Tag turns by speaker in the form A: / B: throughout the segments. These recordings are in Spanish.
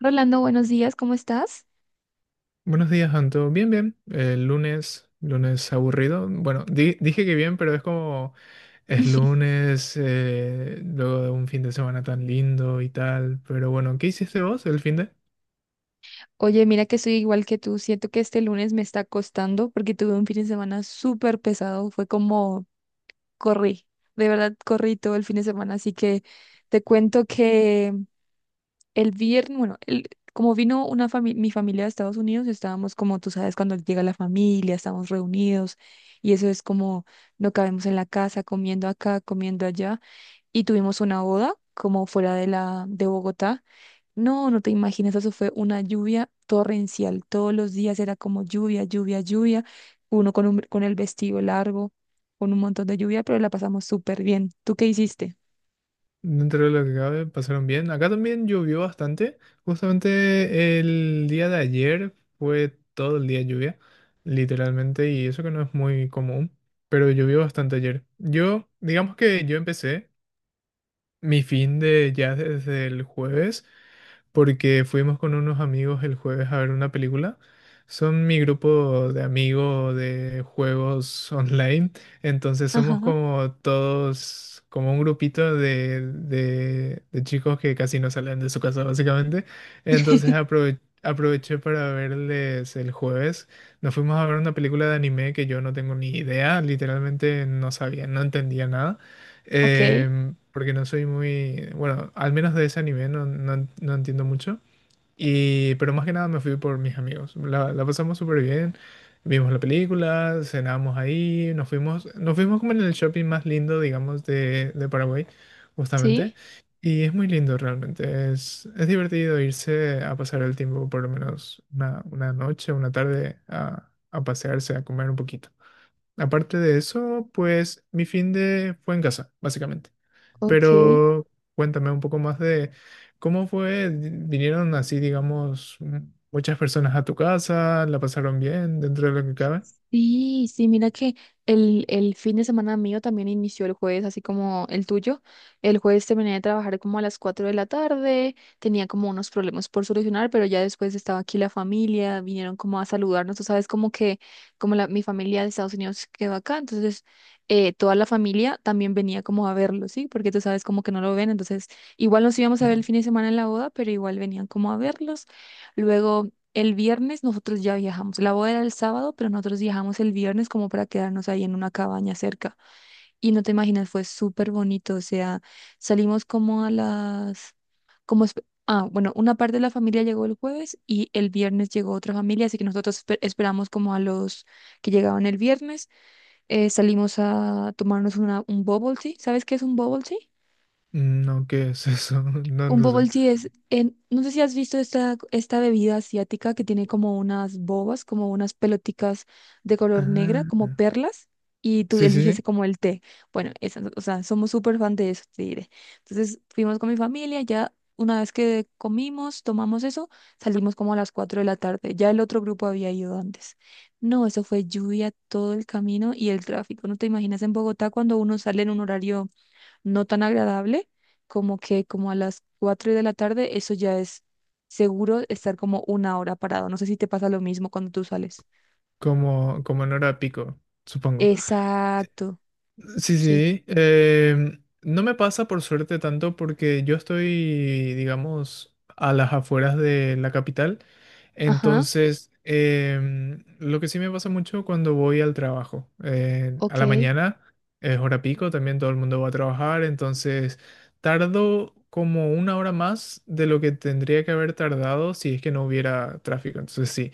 A: Rolando, buenos días, ¿cómo estás?
B: Buenos días, Anto. Bien, bien. El lunes aburrido. Bueno, dije que bien, pero es como es lunes, luego de un fin de semana tan lindo y tal. Pero bueno, ¿qué hiciste vos el fin de?
A: Oye, mira que soy igual que tú, siento que este lunes me está costando porque tuve un fin de semana súper pesado, fue como corrí, de verdad corrí todo el fin de semana, así que te cuento que el viernes, bueno, como vino mi familia de Estados Unidos, estábamos como tú sabes, cuando llega la familia, estamos reunidos y eso es como no cabemos en la casa, comiendo acá, comiendo allá y tuvimos una boda como fuera de la de Bogotá. No, no te imaginas, eso fue una lluvia torrencial. Todos los días era como lluvia, lluvia, lluvia. Uno con, con el vestido largo, con un montón de lluvia, pero la pasamos súper bien. ¿Tú qué hiciste?
B: Dentro de lo que cabe, pasaron bien. Acá también llovió bastante. Justamente el día de ayer fue todo el día lluvia, literalmente, y eso que no es muy común, pero llovió bastante ayer. Yo, digamos que yo empecé mi fin de ya desde el jueves, porque fuimos con unos amigos el jueves a ver una película. Son mi grupo de amigos de juegos online, entonces somos
A: Ajá.
B: como todos, como un grupito de chicos que casi no salen de su casa básicamente. Entonces aproveché para verles el jueves. Nos fuimos a ver una película de anime que yo no tengo ni idea, literalmente no sabía, no entendía nada.
A: Ok,
B: Porque no soy muy, bueno, al menos de ese anime no, no entiendo mucho. Y, pero más que nada me fui por mis amigos. La pasamos súper bien. Vimos la película, cenamos ahí, nos fuimos como en el shopping más lindo, digamos, de Paraguay, justamente.
A: sí,
B: Y es muy lindo realmente. Es divertido irse a pasar el tiempo, por lo menos una noche, una tarde, a pasearse, a comer un poquito. Aparte de eso, pues mi fin de fue en casa, básicamente.
A: ok.
B: Pero cuéntame un poco más de cómo fue, vinieron así, digamos, muchas personas a tu casa, la pasaron bien dentro de lo que cabe.
A: Sí, sí, mira que el fin de semana mío también inició el jueves, así como el tuyo. El jueves terminé de trabajar como a las 4 de la tarde, tenía como unos problemas por solucionar, pero ya después estaba aquí la familia, vinieron como a saludarnos, tú sabes, como que mi familia de Estados Unidos quedó acá, entonces toda la familia también venía como a verlo, ¿sí? Porque tú sabes como que no lo ven, entonces igual nos íbamos a ver el
B: Mm.
A: fin de semana en la boda, pero igual venían como a verlos. Luego el viernes nosotros ya viajamos. La boda era el sábado, pero nosotros viajamos el viernes como para quedarnos ahí en una cabaña cerca. Y no te imaginas, fue súper bonito. O sea, salimos como a las. Ah, bueno, una parte de la familia llegó el jueves y el viernes llegó otra familia, así que nosotros esperamos como a los que llegaban el viernes. Salimos a tomarnos un bubble tea. ¿Sabes qué es un bubble tea?
B: No, ¿qué es eso? No,
A: Un
B: no
A: bubble
B: sé.
A: tea es, no sé si has visto esta bebida asiática que tiene como unas bobas, como unas peloticas de color negra, como
B: Ah,
A: perlas, y tú
B: sí, sí,
A: eliges
B: sí,
A: como el té. Bueno, esa, o sea, somos súper fan de eso, te diré. Entonces fuimos con mi familia, ya una vez que comimos, tomamos eso, salimos como a las 4 de la tarde. Ya el otro grupo había ido antes. No, eso fue lluvia todo el camino y el tráfico. No te imaginas en Bogotá cuando uno sale en un horario no tan agradable, como que como a las 4 de la tarde, eso ya es seguro estar como 1 hora parado. No sé si te pasa lo mismo cuando tú sales.
B: como, como en hora pico, supongo.
A: Exacto,
B: Sí,
A: sí.
B: sí. No me pasa por suerte tanto porque yo estoy, digamos, a las afueras de la capital.
A: Ajá,
B: Entonces, lo que sí me pasa mucho cuando voy al trabajo. A
A: ok,
B: la mañana es hora pico, también todo el mundo va a trabajar. Entonces, tardo como una hora más de lo que tendría que haber tardado si es que no hubiera tráfico. Entonces, sí.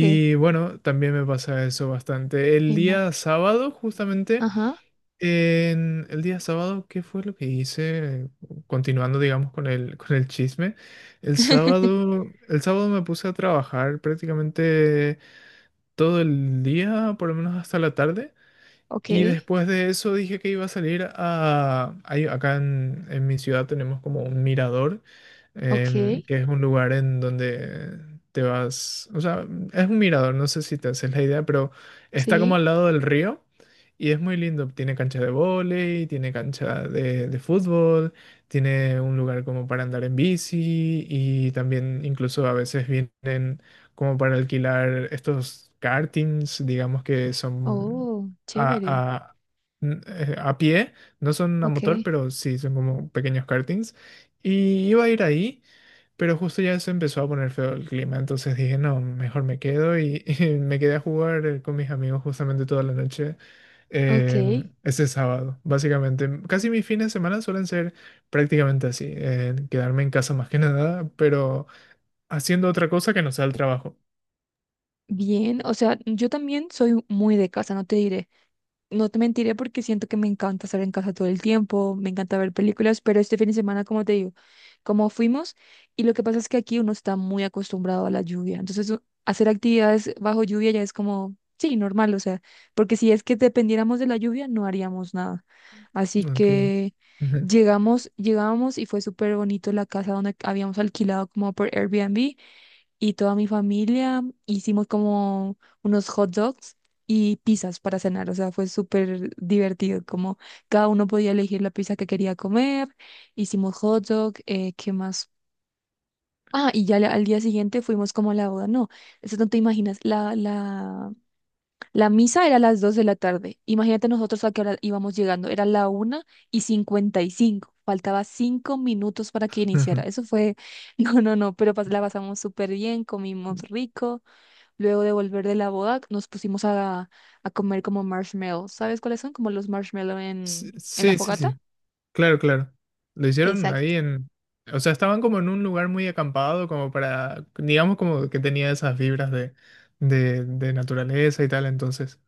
A: ok,
B: bueno, también me pasa eso bastante. El
A: me ima-
B: día sábado, justamente.
A: ajá,
B: En el día sábado, ¿qué fue lo que hice? Continuando, digamos, con el chisme. El sábado, el sábado me puse a trabajar prácticamente todo el día, por lo menos hasta la tarde.
A: ok,
B: Y después de eso dije que iba a salir a... acá en mi ciudad tenemos como un mirador,
A: ok,
B: que es un lugar en donde te vas... O sea, es un mirador, no sé si te haces la idea, pero está como al
A: sí,
B: lado del río y es muy lindo. Tiene cancha de vóley, tiene cancha de fútbol, tiene un lugar como para andar en bici y también incluso a veces vienen como para alquilar estos kartings, digamos que son
A: oh, chévere,
B: a, a- a pie, no son a
A: ok,
B: motor, pero sí son como pequeños kartings. Y iba a ir ahí, pero justo ya se empezó a poner feo el clima, entonces dije, no, mejor me quedo y, y me quedé a jugar con mis amigos justamente toda la noche
A: ok,
B: eh, ese sábado, básicamente. Casi mis fines de semana suelen ser prácticamente así, quedarme en casa más que nada, pero haciendo otra cosa que no sea el trabajo.
A: bien, o sea, yo también soy muy de casa, no te diré. No te mentiré porque siento que me encanta estar en casa todo el tiempo, me encanta ver películas, pero este fin de semana, como te digo, como fuimos, y lo que pasa es que aquí uno está muy acostumbrado a la lluvia, entonces hacer actividades bajo lluvia ya es como, sí, normal, o sea, porque si es que dependiéramos de la lluvia, no haríamos nada. Así
B: Ok.
A: que llegamos y fue súper bonito la casa donde habíamos alquilado como por Airbnb y toda mi familia hicimos como unos hot dogs y pizzas para cenar, o sea, fue súper divertido, como cada uno podía elegir la pizza que quería comer, hicimos hot dog, ¿qué más? Ah, y ya al día siguiente fuimos como a la boda, no, eso no te imaginas, la misa era a las 2 de la tarde, imagínate nosotros a qué hora íbamos llegando, era la 1:55, faltaba 5 minutos para que
B: Ujú, ujú.
A: iniciara, eso fue, no, no, no, pero la pasamos súper bien, comimos rico. Luego de volver de la boda, nos pusimos a comer como marshmallows. ¿Sabes cuáles son? Como los marshmallows en la
B: Sí, sí,
A: fogata.
B: sí. Claro, claro. Lo hicieron
A: Exacto.
B: ahí en... O sea, estaban como en un lugar muy acampado, como para, digamos como que tenía esas vibras de naturaleza y tal, entonces.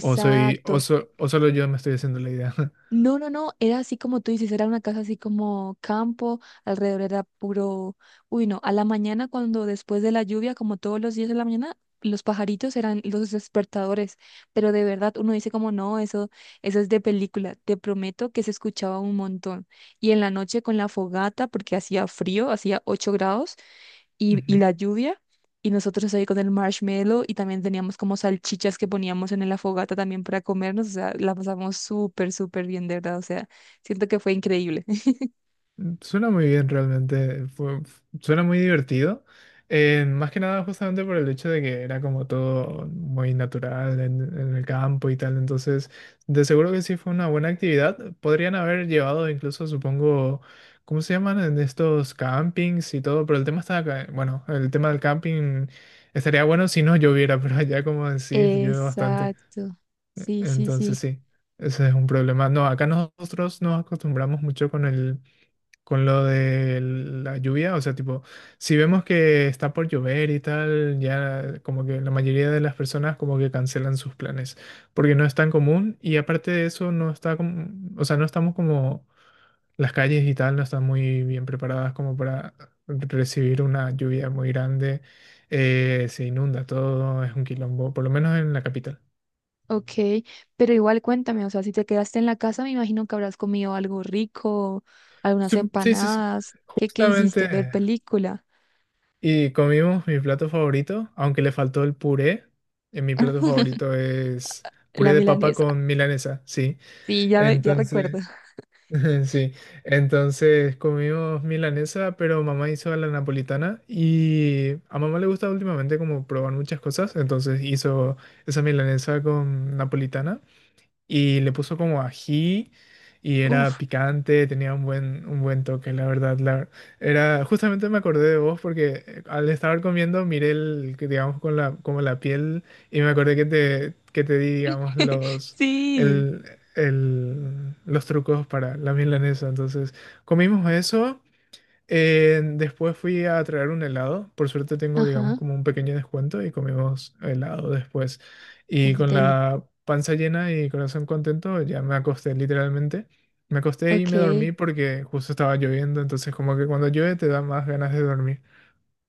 B: O soy, o, so- o solo yo me estoy haciendo la idea.
A: No, no, no, era así como tú dices, era una casa así como campo, alrededor era puro, uy, no, a la mañana cuando después de la lluvia, como todos los días de la mañana, los pajaritos eran los despertadores, pero de verdad uno dice como no, eso es de película, te prometo que se escuchaba un montón. Y en la noche con la fogata, porque hacía frío, hacía 8 grados, y
B: Ujú.
A: la lluvia. Y nosotros ahí con el marshmallow y también teníamos como salchichas que poníamos en la fogata también para comernos. O sea, la pasamos súper, súper bien, de verdad. O sea, siento que fue increíble.
B: Suena muy bien realmente, suena muy divertido. Más que nada justamente por el hecho de que era como todo muy natural en el campo y tal, entonces de seguro que sí fue una buena actividad. Podrían haber llevado incluso, supongo, ¿cómo se llaman? En estos campings y todo, pero el tema está acá, bueno, el tema del camping estaría bueno si no lloviera, pero allá como decís, llueve bastante,
A: Exacto. Sí, sí,
B: entonces
A: sí.
B: sí. Ese es un problema. No, acá nosotros nos acostumbramos mucho con lo de la lluvia, o sea, tipo, si vemos que está por llover y tal, ya como que la mayoría de las personas como que cancelan sus planes, porque no es tan común y aparte de eso no está como, o sea, no estamos como las calles y tal no están muy bien preparadas como para recibir una lluvia muy grande, se inunda todo, es un quilombo, por lo menos en la capital.
A: Ok, pero igual cuéntame, o sea, si te quedaste en la casa, me imagino que habrás comido algo rico, algunas
B: Sí, sí, sí, sí,
A: empanadas. ¿Qué, qué
B: justamente.
A: hiciste? ¿Ver película?
B: Y comimos mi plato favorito, aunque le faltó el puré. Mi plato favorito es
A: La
B: puré de papa
A: milanesa.
B: con milanesa, sí.
A: Sí, ya, ya recuerdo.
B: Entonces, sí. Entonces comimos milanesa, pero mamá hizo a la napolitana y a mamá le gusta últimamente como probar muchas cosas. Entonces hizo esa milanesa con napolitana y le puso como ají y era
A: Uf,
B: picante, tenía un buen toque, la verdad. Era, justamente me acordé de vos porque al estar comiendo miré el, que digamos, con la, como la piel y me acordé que que te di, digamos, los,
A: sí.
B: el, los trucos para la milanesa. Entonces, comimos eso. Después fui a traer un helado. Por suerte tengo, digamos,
A: Ajá.
B: como un pequeño descuento y comimos helado después. Y
A: Uf,
B: con
A: deli.
B: la panza llena y corazón contento, ya me acosté literalmente. Me acosté
A: Ok,
B: y me
A: qué
B: dormí porque justo estaba lloviendo, entonces como que cuando llueve te da más ganas de dormir.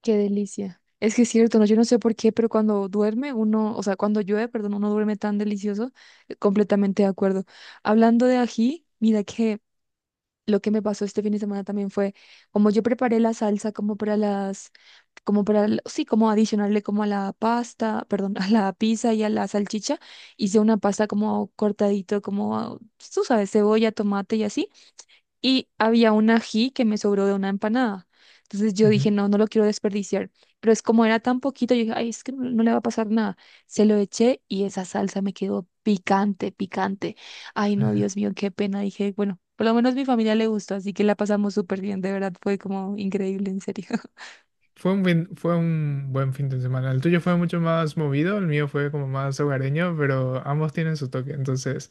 A: delicia. Es que es cierto, ¿no? Yo no sé por qué, pero cuando duerme uno, o sea, cuando llueve, perdón, uno duerme tan delicioso. Completamente de acuerdo. Hablando de ají, mira que lo que me pasó este fin de semana también fue, como yo preparé la salsa como para las, como para, sí, como adicionarle como a la pasta, perdón, a la pizza y a la salchicha, hice una pasta como cortadito, como, tú sabes, cebolla, tomate y así y había un ají que me sobró de una empanada. Entonces yo dije,
B: Ujú.
A: no, no lo quiero desperdiciar. Pero es como era tan poquito, yo dije, ay, es que no, no le va a pasar nada. Se lo eché y esa salsa me quedó picante, picante. Ay, no,
B: Ujú.
A: Dios mío, qué pena. Dije, bueno, por lo menos mi familia le gustó, así que la pasamos súper bien, de verdad, fue como increíble, en serio.
B: Fue un buen fin de semana. El tuyo fue mucho más movido, el mío fue como más hogareño, pero ambos tienen su toque. Entonces,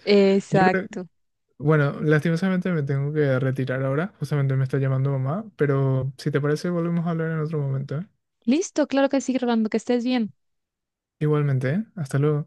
B: yo creo.
A: Exacto.
B: Bueno, lastimosamente me tengo que retirar ahora, justamente me está llamando mamá, pero si te parece volvemos a hablar en otro momento, ¿eh?
A: Listo, claro que sí, Rolando, que estés bien.
B: Igualmente, ¿eh? Hasta luego.